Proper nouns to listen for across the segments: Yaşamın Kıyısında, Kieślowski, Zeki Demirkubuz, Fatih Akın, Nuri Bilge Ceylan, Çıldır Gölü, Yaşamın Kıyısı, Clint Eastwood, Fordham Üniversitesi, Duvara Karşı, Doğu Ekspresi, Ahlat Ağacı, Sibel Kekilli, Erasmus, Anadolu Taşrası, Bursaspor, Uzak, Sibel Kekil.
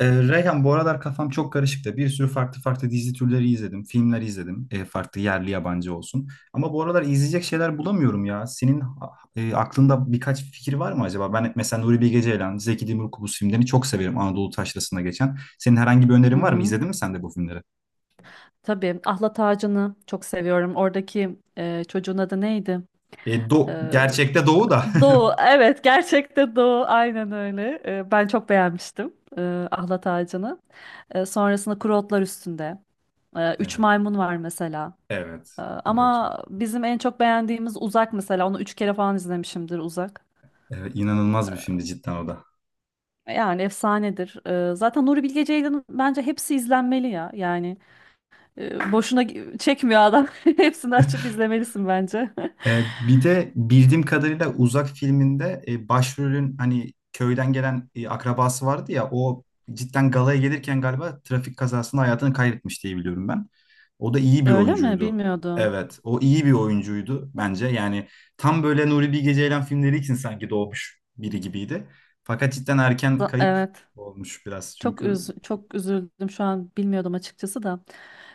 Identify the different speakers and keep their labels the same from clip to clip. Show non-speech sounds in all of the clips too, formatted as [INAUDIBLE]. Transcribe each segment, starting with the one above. Speaker 1: Reyhan, bu aralar kafam çok karışık da bir sürü farklı dizi türleri izledim, filmler izledim, farklı yerli yabancı olsun. Ama bu aralar izleyecek şeyler bulamıyorum ya. Senin aklında birkaç fikir var mı acaba? Ben mesela Nuri Bilge Ceylan, Zeki Demirkubuz filmlerini çok severim Anadolu Taşrası'nda geçen. Senin herhangi bir
Speaker 2: Hı
Speaker 1: önerin var mı?
Speaker 2: hı.
Speaker 1: İzledin mi sen de bu filmleri?
Speaker 2: Tabii Ahlat Ağacı'nı çok seviyorum. Oradaki çocuğun adı neydi?
Speaker 1: E, do
Speaker 2: E,
Speaker 1: Gerçekte Doğu da. [LAUGHS]
Speaker 2: Doğu, evet gerçekten Doğu aynen öyle. Ben çok beğenmiştim ahlat ağacını. Sonrasında kuru otlar üstünde. Üç
Speaker 1: Evet,
Speaker 2: maymun var mesela.
Speaker 1: evet. O da çok.
Speaker 2: Ama bizim en çok beğendiğimiz Uzak mesela. Onu üç kere falan izlemişimdir Uzak.
Speaker 1: Evet, inanılmaz bir filmdi cidden o da.
Speaker 2: Yani efsanedir. Zaten Nuri Bilge Ceylan'ın bence hepsi izlenmeli ya. Yani çekmiyor adam. [LAUGHS] Hepsini açıp izlemelisin bence.
Speaker 1: Bir de bildiğim kadarıyla Uzak filminde başrolün hani köyden gelen akrabası vardı ya o cidden galaya gelirken galiba trafik kazasında hayatını kaybetmiş diye biliyorum ben. O da
Speaker 2: [LAUGHS]
Speaker 1: iyi bir
Speaker 2: Öyle mi?
Speaker 1: oyuncuydu.
Speaker 2: Bilmiyordum.
Speaker 1: Evet, o iyi bir oyuncuydu bence. Yani tam böyle Nuri Bilge Ceylan filmleri için sanki doğmuş biri gibiydi. Fakat cidden erken kayıp
Speaker 2: Evet.
Speaker 1: olmuş biraz çünkü.
Speaker 2: Çok üzüldüm şu an, bilmiyordum açıkçası da.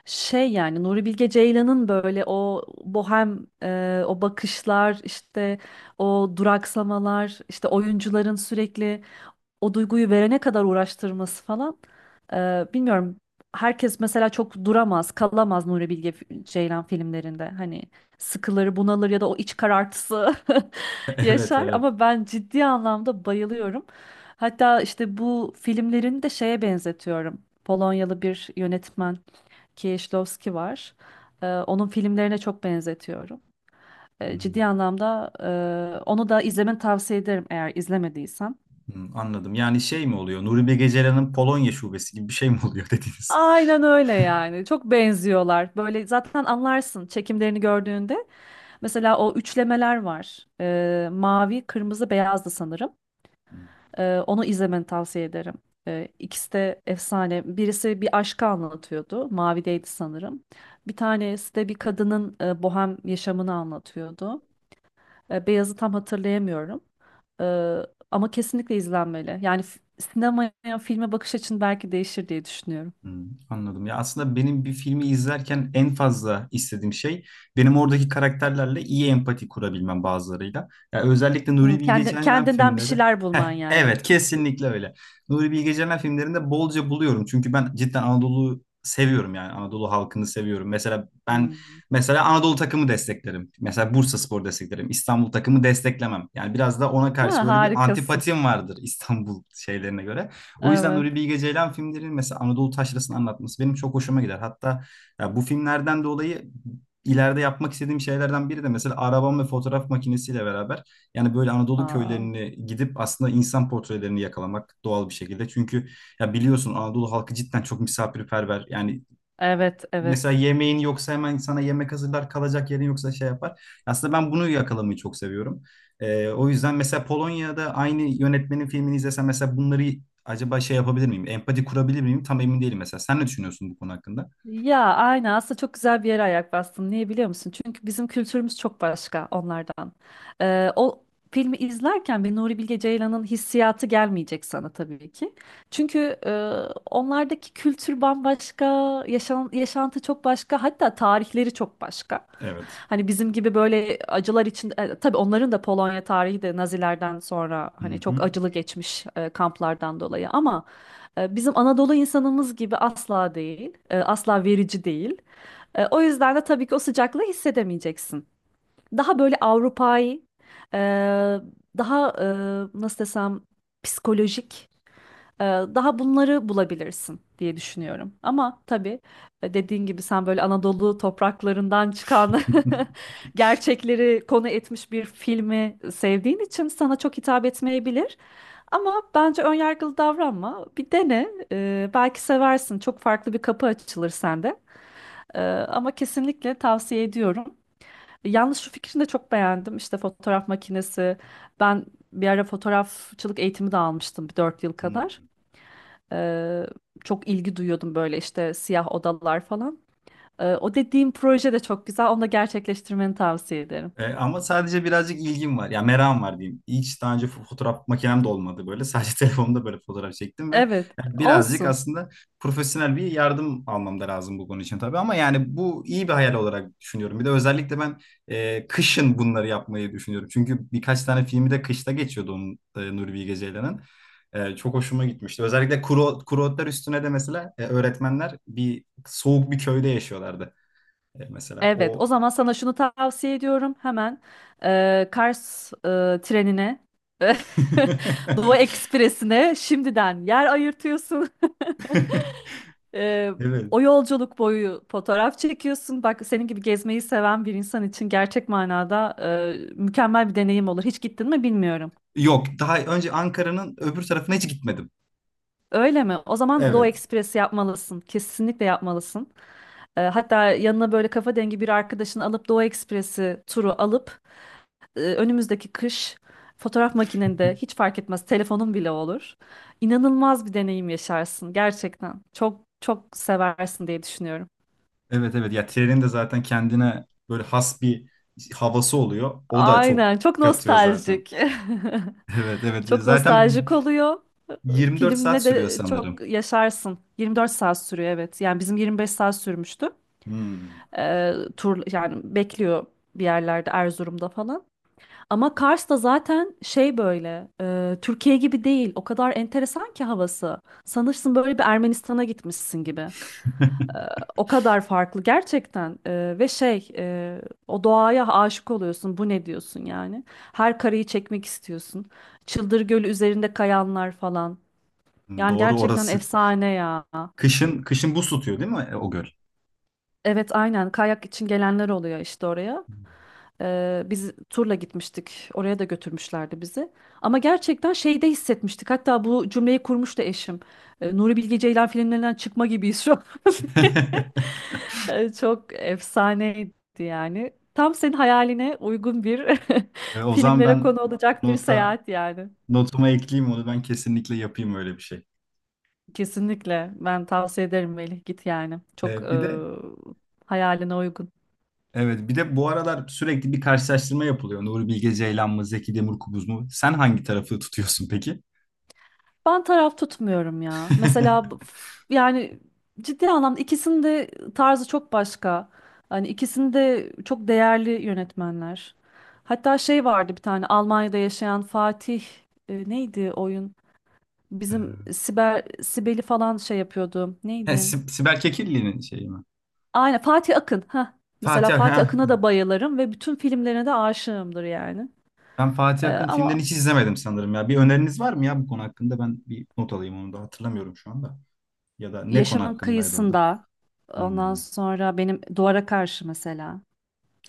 Speaker 2: Şey yani Nuri Bilge Ceylan'ın böyle o bohem, o bakışlar, işte o duraksamalar, işte oyuncuların sürekli o duyguyu verene kadar uğraştırması falan. Bilmiyorum. Herkes mesela çok duramaz, kalamaz Nuri Ceylan filmlerinde. Hani sıkılır, bunalır ya da o iç karartısı
Speaker 1: [LAUGHS]
Speaker 2: [LAUGHS]
Speaker 1: Evet,
Speaker 2: yaşar.
Speaker 1: evet.
Speaker 2: Ama ben ciddi anlamda bayılıyorum. Hatta işte bu filmlerini de şeye benzetiyorum. Polonyalı bir yönetmen Kieślowski var. Onun filmlerine çok benzetiyorum. Ee, ciddi
Speaker 1: Hmm,
Speaker 2: anlamda e, onu da izlemeni tavsiye ederim eğer izlemediysen.
Speaker 1: hmm, anladım. Yani şey mi oluyor? Nuri Bilge Ceylan'ın Polonya şubesi gibi bir şey mi oluyor [LAUGHS] dediniz?
Speaker 2: Aynen öyle yani. Çok benziyorlar. Böyle zaten anlarsın çekimlerini gördüğünde. Mesela o üçlemeler var. Mavi, kırmızı, beyazdı sanırım.
Speaker 1: Hmm.
Speaker 2: Onu izlemeni tavsiye ederim. İkisi de efsane. Birisi bir aşkı anlatıyordu. Mavideydi sanırım. Bir tanesi de bir kadının bohem yaşamını anlatıyordu. Beyazı tam hatırlayamıyorum. Ee, Ama kesinlikle izlenmeli. Yani sinemaya, filme bakış açın belki değişir diye düşünüyorum.
Speaker 1: Hmm, anladım. Ya aslında benim bir filmi izlerken en fazla istediğim şey benim oradaki karakterlerle iyi empati kurabilmem bazılarıyla. Ya özellikle
Speaker 2: Hı,
Speaker 1: Nuri Bilge Ceylan
Speaker 2: kendinden bir
Speaker 1: filmleri.
Speaker 2: şeyler
Speaker 1: Heh,
Speaker 2: bulman yani.
Speaker 1: evet kesinlikle öyle. Nuri Bilge Ceylan filmlerinde bolca buluyorum. Çünkü ben cidden Anadolu'yu seviyorum yani Anadolu halkını seviyorum. Mesela ben
Speaker 2: Hı.
Speaker 1: mesela Anadolu takımı desteklerim. Mesela Bursaspor desteklerim. İstanbul takımı desteklemem. Yani biraz da ona karşı
Speaker 2: Ha,
Speaker 1: böyle bir
Speaker 2: harikasın.
Speaker 1: antipatim vardır İstanbul şeylerine göre. O yüzden
Speaker 2: Evet.
Speaker 1: Nuri Bilge Ceylan filmlerinin mesela Anadolu taşrasını anlatması benim çok hoşuma gider. Hatta ya bu filmlerden dolayı ileride yapmak istediğim şeylerden biri de mesela arabam ve fotoğraf makinesiyle beraber yani böyle Anadolu
Speaker 2: Aa,
Speaker 1: köylerini gidip aslında insan portrelerini yakalamak doğal bir şekilde. Çünkü ya biliyorsun Anadolu halkı cidden çok misafirperver. Yani
Speaker 2: evet,
Speaker 1: mesela
Speaker 2: evet.
Speaker 1: yemeğin yoksa hemen sana yemek hazırlar, kalacak yerin yoksa şey yapar. Aslında ben bunu yakalamayı çok seviyorum. O yüzden mesela Polonya'da aynı yönetmenin filmini izlesem mesela bunları acaba şey yapabilir miyim? Empati kurabilir miyim? Tam emin değilim mesela. Sen ne düşünüyorsun bu konu hakkında?
Speaker 2: Ya aynen, aslında çok güzel bir yere ayak bastın. Niye biliyor musun? Çünkü bizim kültürümüz çok başka onlardan. O filmi izlerken bir Nuri Bilge Ceylan'ın hissiyatı gelmeyecek sana tabii ki. Çünkü onlardaki kültür bambaşka, yaşantı çok başka, hatta tarihleri çok başka.
Speaker 1: Evet.
Speaker 2: Hani bizim gibi böyle acılar için, tabii onların da, Polonya tarihi de Nazilerden sonra
Speaker 1: Hı
Speaker 2: hani çok
Speaker 1: hı.
Speaker 2: acılı geçmiş kamplardan dolayı, ama bizim Anadolu insanımız gibi asla değil, asla verici değil. O yüzden de tabii ki o sıcaklığı hissedemeyeceksin. Daha böyle Avrupai, e, daha nasıl desem, psikolojik, daha bunları bulabilirsin diye düşünüyorum. Ama tabii, dediğin gibi, sen böyle Anadolu topraklarından çıkan
Speaker 1: [LAUGHS]
Speaker 2: [LAUGHS] gerçekleri konu etmiş bir filmi sevdiğin için sana çok hitap etmeyebilir. Ama bence önyargılı davranma. Bir dene. Belki seversin. Çok farklı bir kapı açılır sende. Ama kesinlikle tavsiye ediyorum. Yalnız şu fikrini de çok beğendim. İşte fotoğraf makinesi. Ben bir ara fotoğrafçılık eğitimi de almıştım, bir 4 yıl kadar.
Speaker 1: Hmm.
Speaker 2: Ee, Çok ilgi duyuyordum, böyle işte siyah odalar falan. O dediğim proje de çok güzel. Onu da gerçekleştirmeni tavsiye ederim.
Speaker 1: Ama sadece birazcık ilgim var. Ya merakım var diyeyim. Hiç daha önce fotoğraf makinem de olmadı böyle. Sadece [LAUGHS] telefonumda böyle fotoğraf çektim ve
Speaker 2: Evet,
Speaker 1: yani birazcık
Speaker 2: olsun.
Speaker 1: aslında profesyonel bir yardım almam da lazım bu konu için tabii. Ama yani bu iyi bir hayal olarak düşünüyorum. Bir de özellikle ben kışın bunları yapmayı düşünüyorum. Çünkü birkaç tane filmi de kışta geçiyordu onun Nuri Bilge Ceylan'ın. Çok hoşuma gitmişti. Özellikle kuru otlar üstüne de mesela öğretmenler bir soğuk bir köyde yaşıyorlardı. E, mesela
Speaker 2: Evet,
Speaker 1: o
Speaker 2: o zaman sana şunu tavsiye ediyorum. Hemen Kars trenine, [LAUGHS] Doğu Ekspresi'ne şimdiden yer ayırtıyorsun. [LAUGHS]
Speaker 1: [LAUGHS]
Speaker 2: E,
Speaker 1: Evet.
Speaker 2: O yolculuk boyu fotoğraf çekiyorsun. Bak, senin gibi gezmeyi seven bir insan için gerçek manada mükemmel bir deneyim olur. Hiç gittin mi bilmiyorum.
Speaker 1: Yok, daha önce Ankara'nın öbür tarafına hiç gitmedim.
Speaker 2: Öyle mi? O zaman Doğu
Speaker 1: Evet.
Speaker 2: Ekspresi yapmalısın. Kesinlikle yapmalısın. Hatta yanına böyle kafa dengi bir arkadaşını alıp Doğu Ekspresi turu alıp, önümüzdeki kış, fotoğraf makinende, hiç fark etmez telefonun bile olur. İnanılmaz bir deneyim yaşarsın gerçekten. Çok çok seversin diye düşünüyorum.
Speaker 1: Evet evet ya trenin de zaten kendine böyle has bir havası oluyor. O da çok
Speaker 2: Aynen, çok
Speaker 1: katıyor zaten.
Speaker 2: nostaljik. [LAUGHS]
Speaker 1: Evet, evet,
Speaker 2: Çok
Speaker 1: zaten
Speaker 2: nostaljik oluyor.
Speaker 1: 24 saat
Speaker 2: Filmle
Speaker 1: sürüyor
Speaker 2: de çok
Speaker 1: sanırım.
Speaker 2: yaşarsın. 24 saat sürüyor evet. Yani bizim 25 saat sürmüştü.
Speaker 1: Hmm.
Speaker 2: Tur yani bekliyor bir yerlerde, Erzurum'da falan. Ama Kars da zaten şey, böyle Türkiye gibi değil. O kadar enteresan ki havası. Sanırsın böyle bir Ermenistan'a gitmişsin gibi. O kadar farklı gerçekten. Ve şey, o doğaya aşık oluyorsun. Bu ne diyorsun yani? Her kareyi çekmek istiyorsun. Çıldır Gölü üzerinde kayanlar falan.
Speaker 1: [LAUGHS]
Speaker 2: Yani
Speaker 1: Doğru
Speaker 2: gerçekten
Speaker 1: orası.
Speaker 2: efsane ya.
Speaker 1: Kışın, buz tutuyor değil mi o göl?
Speaker 2: Evet aynen, kayak için gelenler oluyor işte oraya. Biz turla gitmiştik. Oraya da götürmüşlerdi bizi. Ama gerçekten şeyde hissetmiştik. Hatta bu cümleyi kurmuştu eşim. Nuri Bilge Ceylan filmlerinden çıkma gibiyiz şu an. [LAUGHS]
Speaker 1: [LAUGHS]
Speaker 2: Çok efsaneydi yani. Tam senin hayaline uygun bir
Speaker 1: E,
Speaker 2: [LAUGHS]
Speaker 1: o zaman
Speaker 2: filmlere
Speaker 1: ben
Speaker 2: konu olacak bir
Speaker 1: nota
Speaker 2: seyahat yani.
Speaker 1: notuma ekleyeyim onu, ben kesinlikle yapayım öyle bir şey.
Speaker 2: Kesinlikle. Ben tavsiye ederim Melih. Git yani. Çok
Speaker 1: E, bir de
Speaker 2: hayaline uygun.
Speaker 1: evet, bir de bu aralar sürekli bir karşılaştırma yapılıyor. Nuri Bilge Ceylan mı, Zeki Demirkubuz mu? Sen hangi tarafı tutuyorsun peki?
Speaker 2: Ben taraf tutmuyorum ya. Mesela bu-
Speaker 1: [LAUGHS]
Speaker 2: f- yani ciddi anlamda ikisinin de tarzı çok başka. Hani ikisini de çok değerli yönetmenler. Hatta şey vardı, bir tane Almanya'da yaşayan Fatih, neydi oyun?
Speaker 1: Ee,
Speaker 2: Bizim Sibel'i falan şey yapıyordu. Neydi?
Speaker 1: Sibel Kekilli'nin şeyi mi?
Speaker 2: Aynen, Fatih Akın. Heh. Mesela
Speaker 1: Ha.
Speaker 2: Fatih Akın'a da bayılırım ve bütün filmlerine de aşığımdır yani.
Speaker 1: Ben Fatih Akın filmlerini
Speaker 2: Ama
Speaker 1: hiç izlemedim sanırım ya. Bir öneriniz var mı ya bu konu hakkında? Ben bir not alayım, onu da hatırlamıyorum şu anda. Ya da ne konu
Speaker 2: Yaşamın
Speaker 1: hakkındaydı o da?
Speaker 2: Kıyısında, ondan
Speaker 1: Hmm.
Speaker 2: sonra benim Duvara Karşı mesela.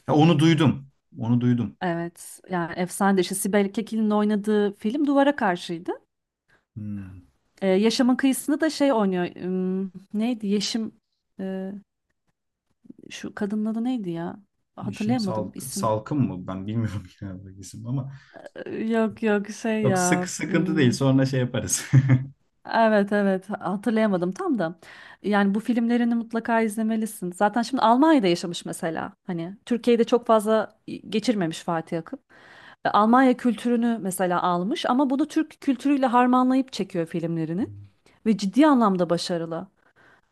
Speaker 1: Ha, onu duydum. Onu duydum.
Speaker 2: Evet, yani efsane, de işte Sibel Kekil'in oynadığı film Duvara Karşı'ydı.
Speaker 1: Hmm.
Speaker 2: Yaşamın Kıyısında da şey oynuyor. Neydi? Yeşim e, şu kadının adı neydi ya?
Speaker 1: Yeşim
Speaker 2: Hatırlayamadım isim.
Speaker 1: Salkım mı? Ben bilmiyorum [LAUGHS] yine bu isim ama.
Speaker 2: Yok yok, şey
Speaker 1: Yok,
Speaker 2: ya.
Speaker 1: sıkıntı değil. Sonra şey yaparız.
Speaker 2: Evet evet, hatırlayamadım tam da. Yani bu filmlerini mutlaka izlemelisin. Zaten şimdi Almanya'da yaşamış mesela. Hani Türkiye'de çok fazla geçirmemiş Fatih Akın. Almanya kültürünü mesela almış ama bunu Türk kültürüyle harmanlayıp çekiyor filmlerini.
Speaker 1: [LAUGHS]
Speaker 2: Ve ciddi anlamda başarılı.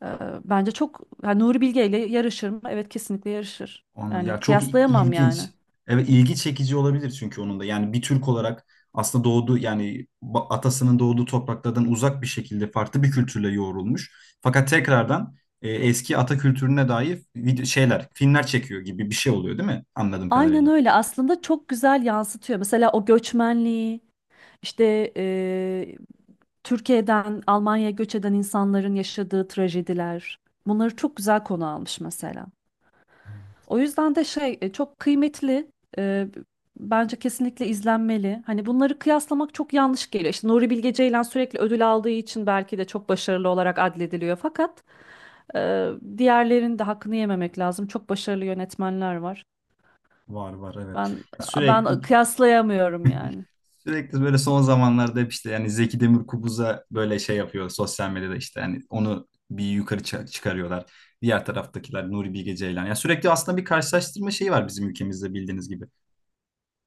Speaker 2: Ee, Bence çok, yani Nuri Bilge ile yarışır mı? Evet, kesinlikle yarışır.
Speaker 1: Anladım.
Speaker 2: Yani
Speaker 1: Ya çok
Speaker 2: kıyaslayamam yani.
Speaker 1: ilginç. Evet ilgi çekici olabilir çünkü onun da. Yani bir Türk olarak aslında doğduğu yani atasının doğduğu topraklardan uzak bir şekilde farklı bir kültürle yoğrulmuş. Fakat tekrardan eski ata kültürüne dair video şeyler, filmler çekiyor gibi bir şey oluyor değil mi? Anladığım
Speaker 2: Aynen
Speaker 1: kadarıyla.
Speaker 2: öyle, aslında çok güzel yansıtıyor. Mesela o göçmenliği işte, Türkiye'den Almanya'ya göç eden insanların yaşadığı trajediler. Bunları çok güzel konu almış mesela. O yüzden de şey, çok kıymetli. e, Bence kesinlikle izlenmeli. Hani bunları kıyaslamak çok yanlış geliyor. İşte Nuri Bilge Ceylan sürekli ödül aldığı için belki de çok başarılı olarak adlediliyor. Fakat e, diğerlerinin de hakkını yememek lazım. Çok başarılı yönetmenler var.
Speaker 1: Var, evet.
Speaker 2: Ben
Speaker 1: Ya Sürekli
Speaker 2: ben kıyaslayamıyorum yani.
Speaker 1: Sürekli böyle son zamanlarda hep işte yani Zeki Demirkubuz'a böyle şey yapıyor sosyal medyada, işte yani onu bir yukarı çıkarıyorlar. Diğer taraftakiler Nuri Bilge Ceylan. Ya sürekli aslında bir karşılaştırma şeyi var bizim ülkemizde bildiğiniz gibi.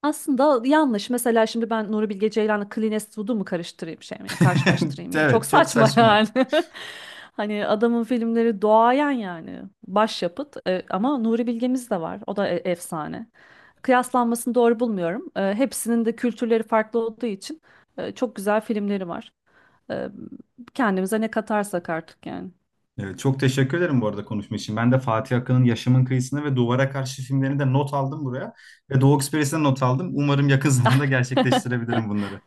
Speaker 2: Aslında yanlış. Mesela şimdi ben Nuri Bilge Ceylan'la Clint Eastwood'u mu karıştırayım şey mi? Ya,
Speaker 1: [LAUGHS]
Speaker 2: karşılaştırayım yani. Çok
Speaker 1: Evet çok
Speaker 2: saçma [LAUGHS]
Speaker 1: saçma.
Speaker 2: yani. Hani adamın filmleri doğayan yani. Başyapıt. Ama Nuri Bilge'miz de var. O da efsane. Kıyaslanmasını doğru bulmuyorum. Hepsinin de kültürleri farklı olduğu için çok güzel filmleri var. E, Kendimize ne katarsak artık yani.
Speaker 1: Evet, çok teşekkür ederim bu arada konuşma için. Ben de Fatih Akın'ın Yaşamın Kıyısını ve Duvara Karşı filmlerini de not aldım buraya. Ve Doğu Ekspres'e not aldım. Umarım yakın [LAUGHS] zamanda
Speaker 2: [LAUGHS]
Speaker 1: gerçekleştirebilirim bunları.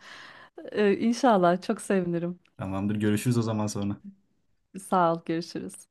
Speaker 2: İnşallah çok sevinirim.
Speaker 1: Tamamdır, görüşürüz o zaman sonra.
Speaker 2: Sağ ol, görüşürüz.